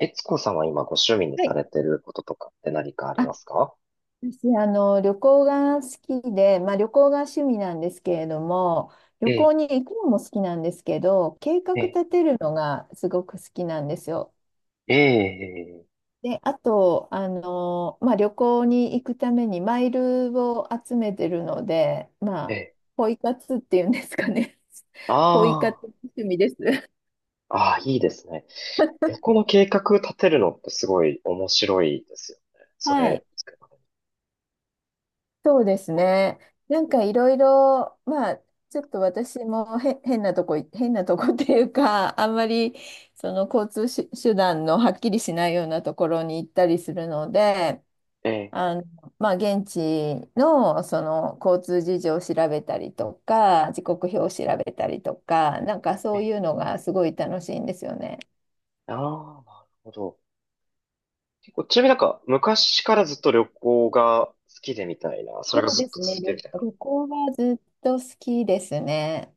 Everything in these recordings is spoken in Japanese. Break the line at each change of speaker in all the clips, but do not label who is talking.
えつこさんは今ご趣味に
は
さ
い。
れてることとかって何かありま
あ、
すか？
私、旅行が好きで、旅行が趣味なんですけれども、
え
旅行
え、
に行くのも好きなんですけど、計画
ええ、
立てるのがすごく好きなんですよ。
ええ、
で、あと、旅行に行くためにマイルを集めてるので、
ええ、
ポイ活っていうんですかね。ポイ
あ
活趣味です。
あ、ああ、いいですね。旅行の計画立てるのってすごい面白いですよね。そ
は
れ、
い。そうですね。なんかいろいろ、ちょっと私もへ変なとこい、変なとこっていうか、あんまり交通手段のはっきりしないようなところに行ったりするので、
ええ、
あの、現地の交通事情を調べたりとか、時刻表を調べたりとか、なんかそ
ええ、
ういうのがすごい楽しいんですよね。
ああ、なるほど。結構、ちなみになんか昔からずっと旅行が好きでみたいな、それが
そう
ず
で
っと
す
続
ね。
いてるみたいな。
旅行はずっと好きですね。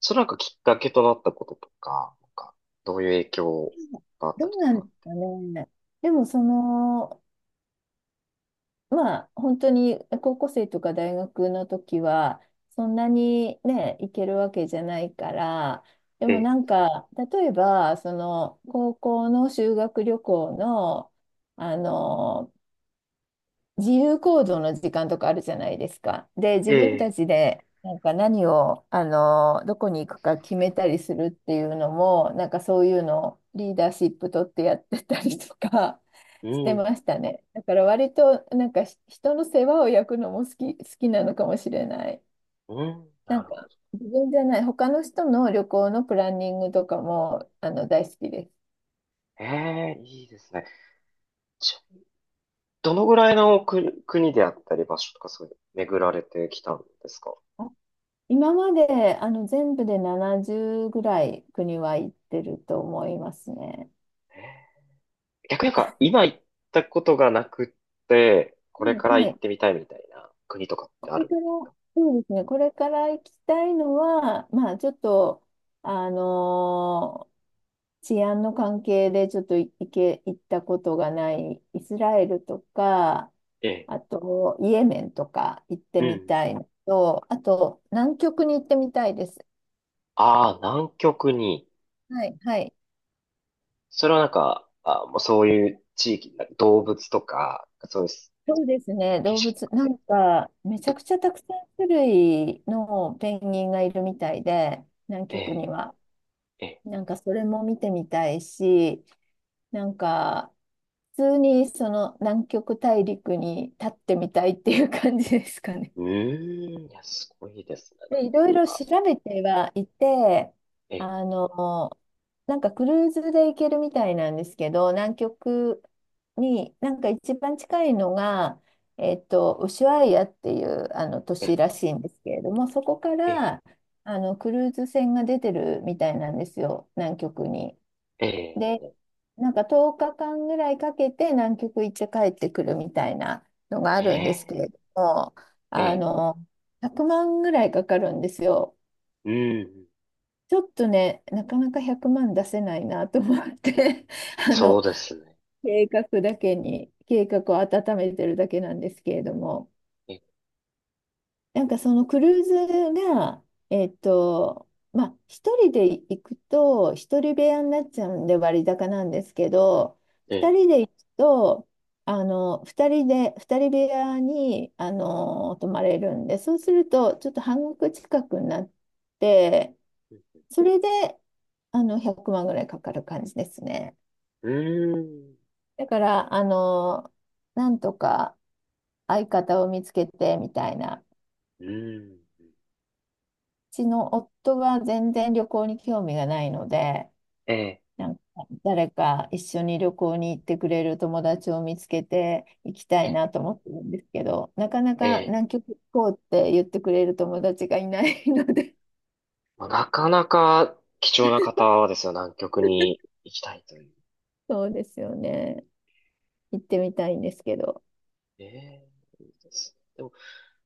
それなんかきっかけとなったこととか、なんかどういう影響があっ
ど
たり
う
と
なん
か
で
っ
す
て。
かね。でも本当に高校生とか大学の時は、そんなにね、行けるわけじゃないから、でも
え
なんか、例えば、高校の修学旅行の、あの、自由行動の時間とかあるじゃないですか。で、自分た
え、え
ち
え、
でなんか何を、あの、どこに行くか決めたりするっていうのも、なんかそういうのをリーダーシップ取ってやってたりとか
う
して
ん。
ましたね。だから割となんか人の世話を焼くのも好きなのかもしれない。
うん、
な
な
ん
るほ
か
ど。
自分じゃない、他の人の旅行のプランニングとかも大好きです。
ええ、いいですね。ち、どのぐらいの国、国であったり場所とかそういうの巡られてきたんですか？
今まで全部で70ぐらい国は行ってると思いますね。
ええ、逆になんか今行ったことがなくって、これ
も
か
う
ら
は
行っ
い。
てみたいみたいな国とかっ
こ
てあ
れ
るん
から、
ですか？
そうですね。これから行きたいのは、ちょっと、あのー治安の関係でちょっとい行け、行ったことがないイスラエルとか、
ええ。
あとイエメンとか行って
う
み
ん。
たいのと、あと南極に行ってみたいです。
ああ、南極に。
はい、はい。
それはなんか、あ、もうそういう地域、なんか動物とか、そういう
そうですね、
景
動
色と
物、
か
な
で。
んか、めちゃくちゃたくさん種類のペンギンがいるみたいで、南
え
極に
え、
は。
ええ。
なんか、それも見てみたいし、なんか、普通にその南極大陸に立ってみたいっていう感じですかね。
うーん、いや、すごいですね。なんか、
で、いろいろ
あ、
調べてはいて、
ええ、
あの、なんかクルーズで行けるみたいなんですけど、南極に、なんか一番近いのが、ウシュアイアっていうあの都
え
市
え、
らしいんですけれども、そこか
ええ。
らクルーズ船が出てるみたいなんですよ、南極に。
え
で、
え、
なんか10日間ぐらいかけて南極行って帰ってくるみたいなのがあ
え
るんですけ
え、
れども、
え
あ
え、
の、100万ぐらいかかるんですよ。
うん、
ちょっとね、なかなか100万出せないなと思って あ
そう
の、
ですね。
計画だけに、計画を温めてるだけなんですけれども。
え、
なんかクルーズが、一人で行くと、一人部屋になっちゃうんで割高なんですけど、
え
二
え、
人で行くと、二人部屋に、泊まれるんで、そうすると、ちょっと半額近くになって、それで、100万ぐらいかかる感じですね。
うん、
だから、なんとか相方を見つけてみたいな。
うん、
ちの夫が全然旅行に興味がないので、
ええ、
なんか誰か一緒に旅行に行ってくれる友達を見つけて行きた
え
い
え、
なと思ってるんですけど、なかな
え
か
え、
南極行こうって言ってくれる友達がいないので、
まあ、なかなか貴重な方はですよ、南極に行きたいという。
そうですよね。行ってみたいんですけど。
ええ、いいですでも、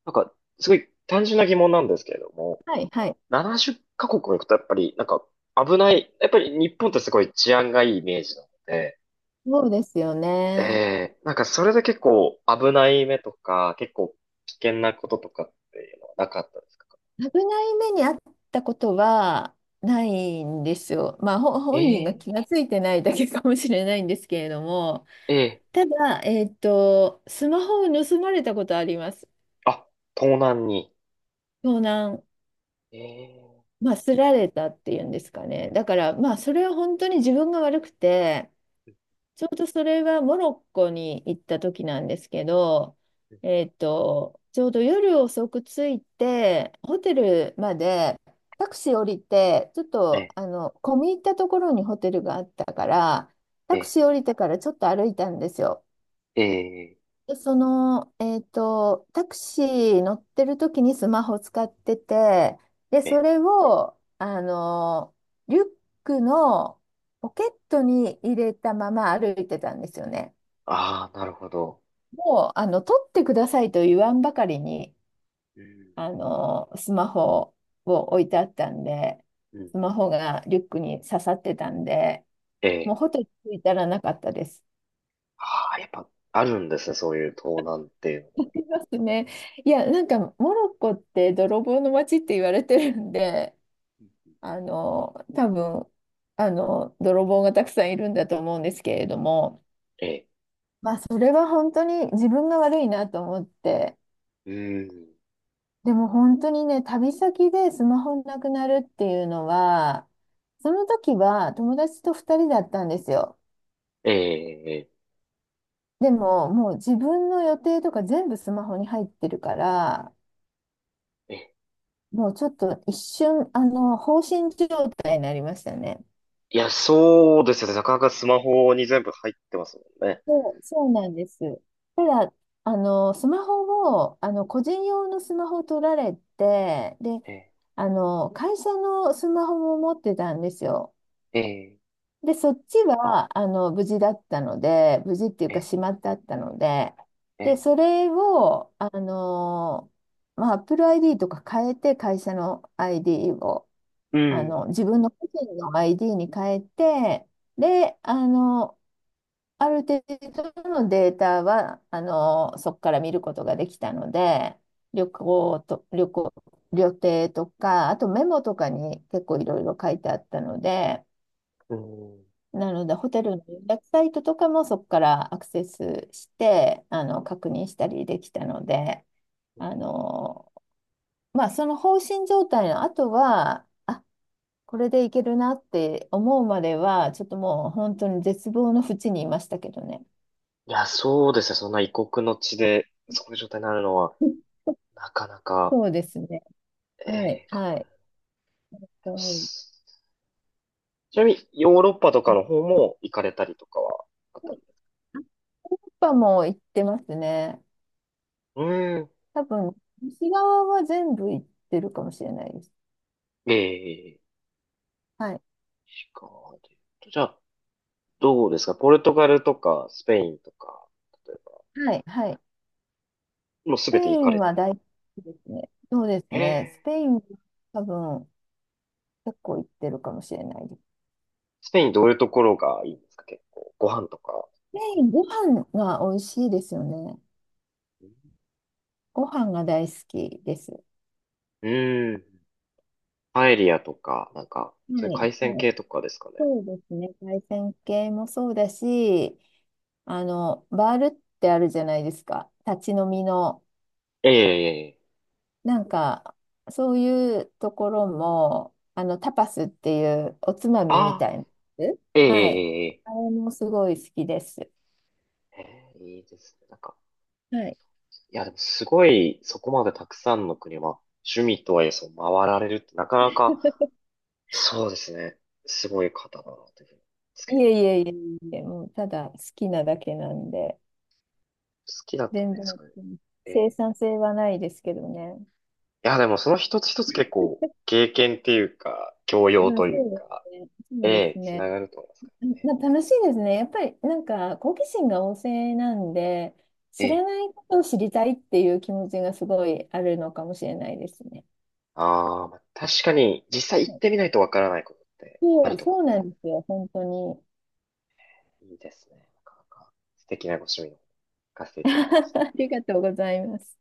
なんか、すごい単純な疑問なんですけれども、
はいはい。
70カ国も行くとやっぱり、なんか、危ない、やっぱり日本ってすごい治安がいいイメージなので、
そうですよ
え
ね。
え、なんかそれで結構危ない目とか、結構危険なこととかっていうのはなかったですか？
危ない目にあったことはないんですよ。ほ
え
本人が気
え、
がついてないだけかもしれないんですけれども。
ええ、
ただ、スマホを盗まれたことあります。
あ、盗難に。
盗難、
ええ、
すられたっていうんですかね。だから、それは本当に自分が悪くて、ちょうどそれはモロッコに行った時なんですけど、ちょうど夜遅く着いて、ホテルまでタクシー降りて、ちょっと、
え
込み入ったところにホテルがあったから、タク
え、
シー降りてからちょっと歩いたんですよ。
ええ、ええ、
タクシー乗ってる時にスマホ使ってて、で、
え
そ
え、
れを、リュックのポケットに入れたまま歩いてたんですよね。
ああ、なるほど。
もう、取ってくださいと言わんばかりに、
うん、
スマホを置いてあったんで、
うん、
スマホがリュックに刺さってたんで、も
え
う
え、
ホテル着いたらなかったです。
ああ、やっぱあるんですね、そういう盗難っていうの
あ
も。
りますね。いや、なんかモロッコって泥棒の街って言われてるんで、多分、泥棒がたくさんいるんだと思うんですけれども、
ええ、
それは本当に自分が悪いなと思って、
うん、
でも本当にね、旅先でスマホなくなるっていうのは、その時は友達と2人だったんですよ。
ええ、ええ、
でも、もう自分の予定とか全部スマホに入ってるから、
ええ、
もうちょっと一瞬、放心状態になりましたね。
いや、そうですよね。なかなかスマホに全部入ってますもんね。
そう、そうなんです。ただ、スマホを、あの、個人用のスマホを取られて、で、
え
会社のスマホも持ってたんですよ。
え、え
で、そっちは、無事だったので、無事っていう
え、
か、
え
しまってあったので、
え、
で、
え
そ
え、
れを、Apple ID とか変えて、会社の ID を。
うん。
自分の個人の ID に変えて、で、ある程度のデータは、そこから見ることができたので、旅行と、旅行、旅程とか、あとメモとかに結構いろいろ書いてあったので、
うん。
なので、ホテルの予約サイトとかもそこからアクセスして、確認したりできたので、あの、その放心状態の後は、あこれでいけるなって思うまでは、ちょっともう本当に絶望の淵にいましたけどね。
いや、そうですね。そんな異国の地で、そういう状態になるのは、なかなか、
そうですね。
え
はい。
え、考
はい。
え
う
ま
ん。
す。ちなみに、ヨーロッパと
や
か
っ
の方も行かれたりとかはあっ
ぱ
たん
り
ですか？
ヨーロッパも行ってますね。
うん。
多分、西側は全部行ってるかもしれないです。
ええ、
はい。
しかも、じゃあ、どうですかポルトガルとか、スペインとか、例えば、
はい。はい。
もうす
スペ
べ
イ
て行か
ン
れて
は
る。
大好きですね。そうです
え
ね。ス
え、
ペインは多分、結構行ってるかもしれないです。
スペインどういうところがいいんですか？結構、ご飯とか。
スペイン、ご飯が美味しいですよね。
う
ご飯が大好きです。
ん。パエリアとか、なんか、
は
そういう
い。
海鮮
はい。
系とかですかね。
そうですね。対戦系もそうだし、バールってあるじゃないですか。立ち飲みの。
ええ、ええ、ええ、
なんか、そういうところも、タパスっていうおつま
あ
みみた
あ、
いなやつ。
え
はい。
え、ええ、
あれもすごい好きです。
ええ、ええ、いいですね。なんか、
はい。
いや、でもすごい、そこまでたくさんの国は、趣味とはいえ、そう、回られるって、なかなか、そうですね。すごい方だな、というふうに思います
い
けど。
えいえいえいえ、もうただ好きなだけなんで、
好きだと
全
ね、
然
そういう。え
生
え。
産性はないですけどね。
いや、でもその一つ一つ結構、経験っていうか、教養という
そうで
か、
すね。そ
え
うです
え、つな
ね。
がると思いますからね。
楽しいですね。やっぱりなんか好奇心が旺盛なんで、
え
知ら
え。
ないことを知りたいっていう気持ちがすごいあるのかもしれないですね。
ああ、まあ確かに、実際行ってみないとわからないことってあ
そ
る
う、
と思
そうなんですよ、本当に。
う。いいですね。なかなか素敵なご趣味を聞かせて いただきました。
ありがとうございます。